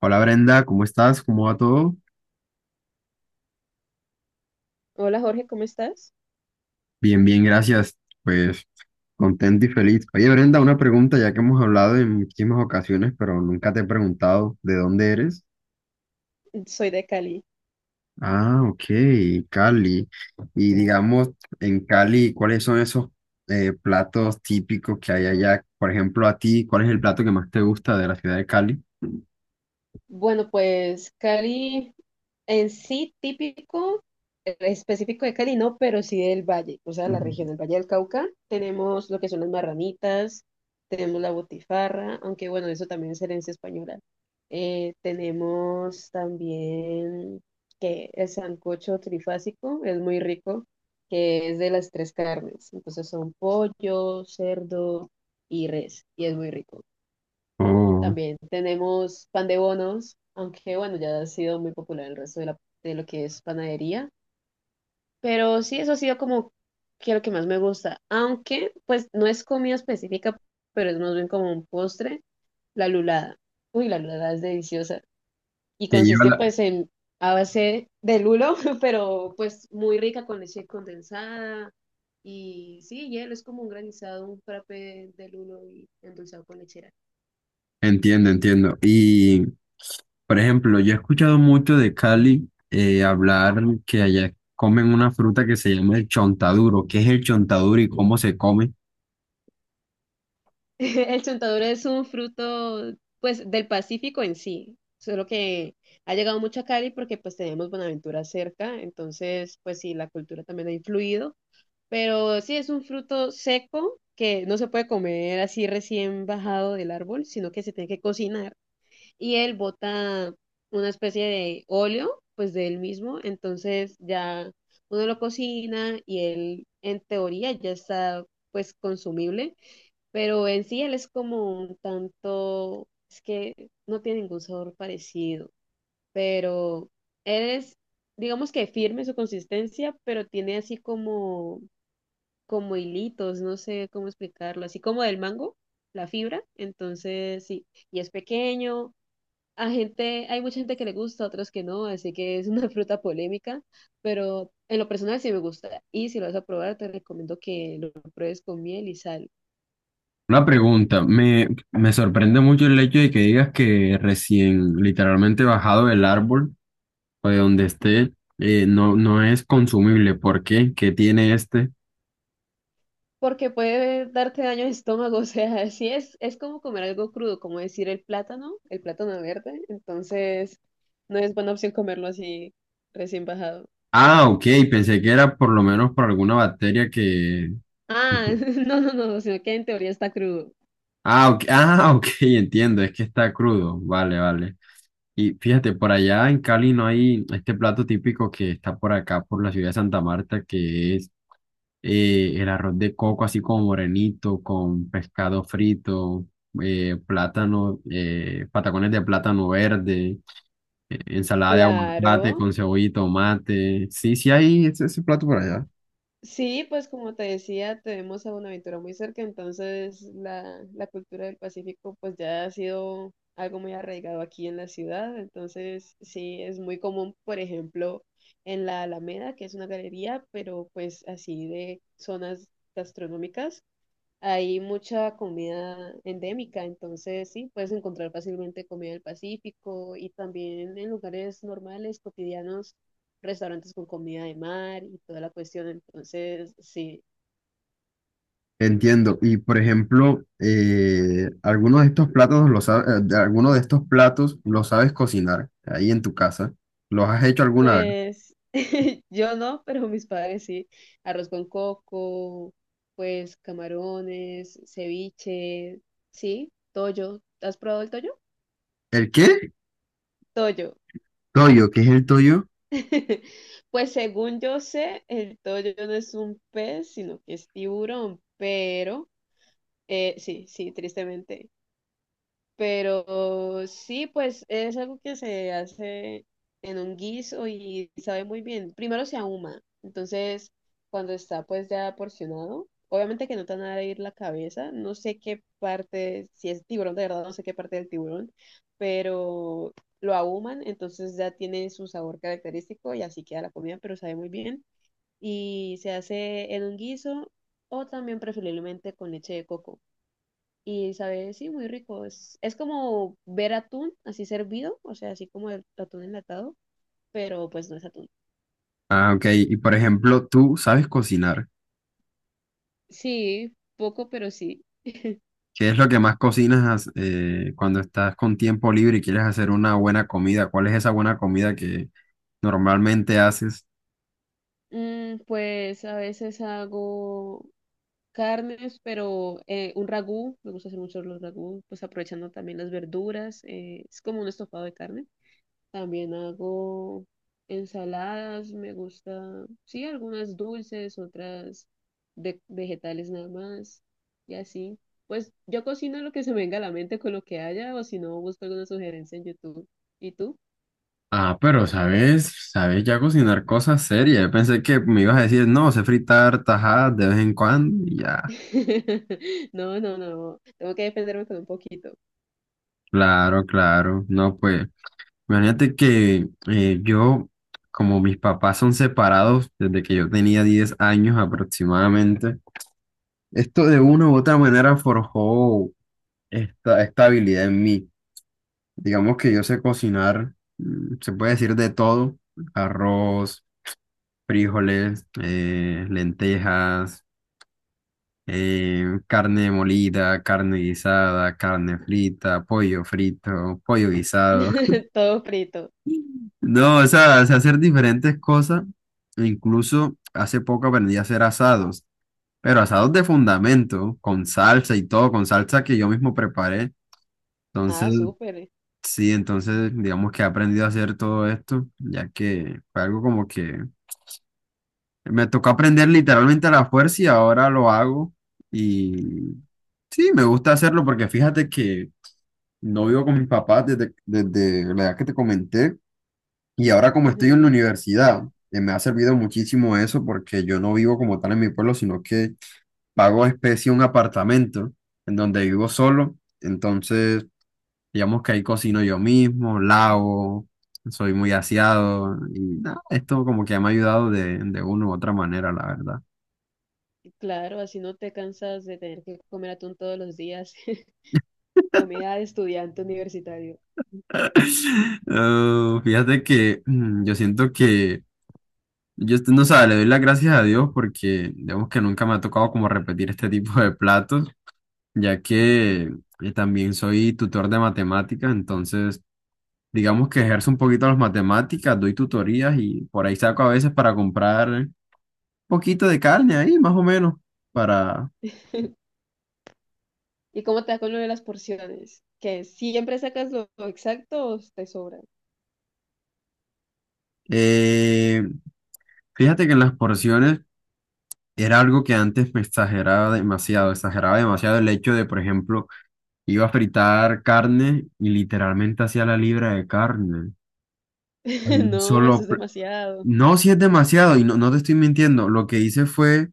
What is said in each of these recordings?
Hola Brenda, ¿cómo estás? ¿Cómo va todo? Hola Jorge, ¿cómo estás? Bien, bien, gracias. Pues contento y feliz. Oye Brenda, una pregunta ya que hemos hablado en muchísimas ocasiones, pero nunca te he preguntado de dónde eres. Soy de Cali. Ah, ok, Cali. Y digamos, en Cali, ¿cuáles son esos platos típicos que hay allá? Por ejemplo, a ti, ¿cuál es el plato que más te gusta de la ciudad de Cali? Bueno, pues Cali en sí típico, específico de Cali, no, pero sí del valle, o sea, la región del Valle del Cauca. Tenemos lo que son las marranitas, tenemos la botifarra, aunque bueno, eso también es herencia española. Tenemos también que el sancocho trifásico es muy rico, que es de las tres carnes. Entonces son pollo, cerdo y res, y es muy rico. Oh, También tenemos pan de bonos, aunque bueno, ya ha sido muy popular el resto de, de lo que es panadería. Pero sí, eso ha sido como que lo que más me gusta. Aunque, pues, no es comida específica, pero es más bien como un postre, la lulada. Uy, la lulada es deliciosa. Y que lleva consiste la... pues en a base de lulo, pero pues muy rica con leche condensada. Y sí, hielo es como un granizado, un frappé de lulo y endulzado con lechera. Entiendo, entiendo. Y por ejemplo, yo he escuchado mucho de Cali hablar que allá comen una fruta que se llama el chontaduro. ¿Qué es el chontaduro y cómo se come? El chontaduro es un fruto, pues, del Pacífico en sí, solo que ha llegado mucho a Cali porque, pues, tenemos Buenaventura cerca, entonces, pues, sí, la cultura también ha influido, pero sí, es un fruto seco que no se puede comer así recién bajado del árbol, sino que se tiene que cocinar, y él bota una especie de óleo, pues, de él mismo, entonces ya uno lo cocina y él, en teoría, ya está, pues, consumible, pero en sí él es como un tanto, es que no tiene ningún sabor parecido, pero él es, digamos, que firme su consistencia, pero tiene así como, como hilitos, no sé cómo explicarlo, así como del mango, la fibra, entonces sí, y es pequeño. A gente, hay mucha gente que le gusta, otros que no, así que es una fruta polémica, pero en lo personal sí me gusta. Y si lo vas a probar, te recomiendo que lo pruebes con miel y sal. Una pregunta, me sorprende mucho el hecho de que digas que recién literalmente bajado del árbol o de donde esté, no es consumible. ¿Por qué? ¿Qué tiene este? Porque puede darte daño al estómago, o sea, sí es como comer algo crudo, como decir el plátano verde, entonces no es buena opción comerlo así recién bajado. Ah, ok, pensé que era por lo menos por alguna bacteria que... Ah, no, no, no, sino que en teoría está crudo. Ah, ok, ah, ok, entiendo, es que está crudo. Vale, vale. Y fíjate, por allá en Cali no hay este plato típico que está por acá, por la ciudad de Santa Marta, que es el arroz de coco, así como morenito, con pescado frito, plátano, patacones de plátano verde, ensalada de aguacate Claro. con cebolla y tomate. Sí, sí hay ese plato por allá. Sí, pues como te decía, tenemos a Buenaventura muy cerca, entonces la cultura del Pacífico pues ya ha sido algo muy arraigado aquí en la ciudad, entonces sí, es muy común, por ejemplo, en la Alameda, que es una galería, pero pues así de zonas gastronómicas. Hay mucha comida endémica, entonces sí, puedes encontrar fácilmente comida del Pacífico y también en lugares normales, cotidianos, restaurantes con comida de mar y toda la cuestión. Entonces, sí, Entiendo. Y por ejemplo, algunos de estos platos los sabes, algunos de estos platos los sabes cocinar ahí en tu casa. ¿Los has hecho alguna vez? pues yo no, pero mis padres sí. Arroz con coco, pues camarones, ceviche, sí, toyo. ¿Has probado el toyo? ¿El qué? Toyo. Toyo, ¿qué es el toyo? Pues según yo sé, el toyo no es un pez, sino que es tiburón, pero sí, sí, tristemente. Pero sí, pues es algo que se hace en un guiso y sabe muy bien. Primero se ahuma, entonces cuando está pues ya porcionado, obviamente que no te van a ir la cabeza, no sé qué parte, si es tiburón de verdad, no sé qué parte del tiburón, pero lo ahuman, entonces ya tiene su sabor característico y así queda la comida, pero sabe muy bien. Y se hace en un guiso o también preferiblemente con leche de coco. Y sabe, sí, muy rico. Es como ver atún así servido, o sea, así como el atún enlatado, pero pues no es atún. Ah, ok. Y por ejemplo, tú sabes cocinar. Sí, poco, pero sí. ¿Qué es lo que más cocinas cuando estás con tiempo libre y quieres hacer una buena comida? ¿Cuál es esa buena comida que normalmente haces? Mm, pues a veces hago carnes, pero un ragú, me gusta hacer mucho los ragú, pues aprovechando también las verduras, es como un estofado de carne. También hago ensaladas, me gusta, sí, algunas dulces, otras de vegetales nada más, y así. Pues yo cocino lo que se me venga a la mente con lo que haya, o si no, busco alguna sugerencia en YouTube. ¿Y tú? Ah, pero sabes, sabes ya cocinar cosas serias. Yo pensé que me ibas a decir, no, sé fritar tajadas de vez en cuando y ya. No, no, no, tengo que defenderme con un poquito. Claro, claro. No, pues, imagínate que como mis papás son separados desde que yo tenía 10 años aproximadamente, esto de una u otra manera forjó esta habilidad en mí. Digamos que yo sé cocinar, mm, se puede decir de todo, arroz, frijoles, lentejas, carne molida, carne guisada, carne frita, pollo frito, pollo guisado. Todo frito. No, o sea, sé hacer diferentes cosas. E incluso hace poco aprendí a hacer asados, pero asados de fundamento, con salsa y todo, con salsa que yo mismo preparé. Entonces, Ah, súper. sí, entonces digamos que he aprendido a hacer todo esto, ya que fue algo como que me tocó aprender literalmente a la fuerza y ahora lo hago. Y sí, me gusta hacerlo porque fíjate que no vivo con mis papás desde la edad que te comenté y ahora como estoy en la Ujú. universidad, me ha servido muchísimo eso porque yo no vivo como tal en mi pueblo, sino que pago especie un apartamento en donde vivo solo. Entonces... Digamos que ahí cocino yo mismo, lavo, soy muy aseado y nada, esto como que me ha ayudado de una u otra manera, la verdad. Claro, así no te cansas de tener que comer atún todos los días. Comida de estudiante universitario. Ah, fíjate que mm, yo siento que, no sé, le doy las gracias a Dios porque digamos que nunca me ha tocado como repetir este tipo de platos, ya que también soy tutor de matemáticas, entonces digamos que ejerzo un poquito las matemáticas, doy tutorías y por ahí saco a veces para comprar. Poquito de carne ahí, más o menos, para... ¿Y cómo te da con lo de las porciones? ¿Que siempre sacas lo exacto o te sobra? eh, fíjate que en las porciones era algo que antes me exageraba demasiado el hecho de, por ejemplo, iba a fritar carne y literalmente hacía la libra de carne. en No, eso Solo... es pl- demasiado. No, si es demasiado, y no, no te estoy mintiendo, lo que hice fue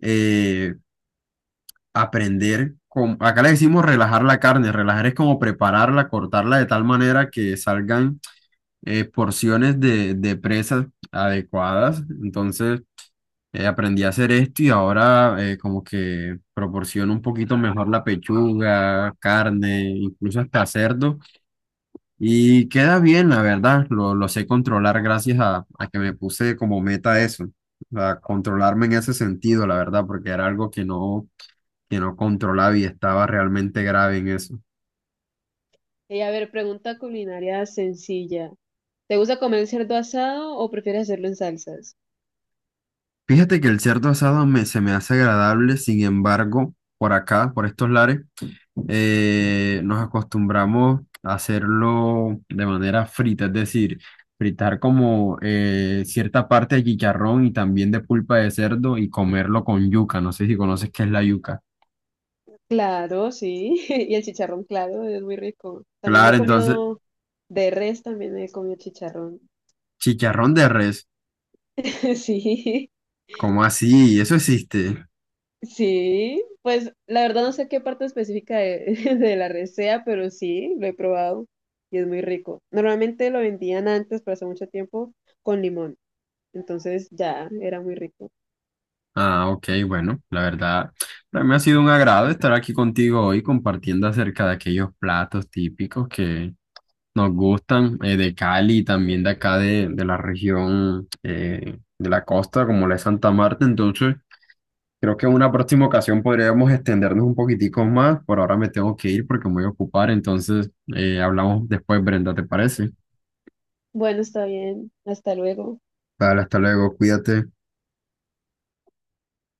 eh, aprender... Acá le decimos relajar la carne, relajar es como prepararla, cortarla de tal manera que salgan porciones de presas adecuadas. Entonces aprendí a hacer esto y ahora como que proporciono un poquito mejor la pechuga, carne, incluso hasta cerdo. Y queda bien, la verdad. Lo sé controlar gracias a que me puse como meta eso. A controlarme en ese sentido, la verdad, porque era algo que no controlaba y estaba realmente grave en eso. Y a ver, pregunta culinaria sencilla. ¿Te gusta comer el cerdo asado o prefieres hacerlo en salsas? Fíjate que el cerdo asado se me hace agradable, sin embargo, por acá, por estos lares, nos acostumbramos a hacerlo de manera frita, es decir, fritar como cierta parte de chicharrón y también de pulpa de cerdo y comerlo con yuca. No sé si conoces qué es la yuca. Claro, sí. Y el chicharrón, claro, es muy rico. También lo he Claro, entonces, comido de res, también he comido chicharrón. chicharrón de res, Sí. ¿cómo así? Eso existe. Sí, pues la verdad no sé qué parte específica de, de la res sea, pero sí, lo he probado y es muy rico. Normalmente lo vendían antes, pero hace mucho tiempo, con limón. Entonces ya era muy rico. Ah, ok, bueno, la verdad, para mí ha sido un agrado estar aquí contigo hoy compartiendo acerca de aquellos platos típicos que nos gustan de Cali y también de acá de la región de la costa, como la de Santa Marta. Entonces, creo que en una próxima ocasión podríamos extendernos un poquitico más. Por ahora me tengo que ir porque me voy a ocupar, entonces hablamos después, Brenda, ¿te parece? Bueno, está bien. Hasta luego. Vale, hasta luego, cuídate.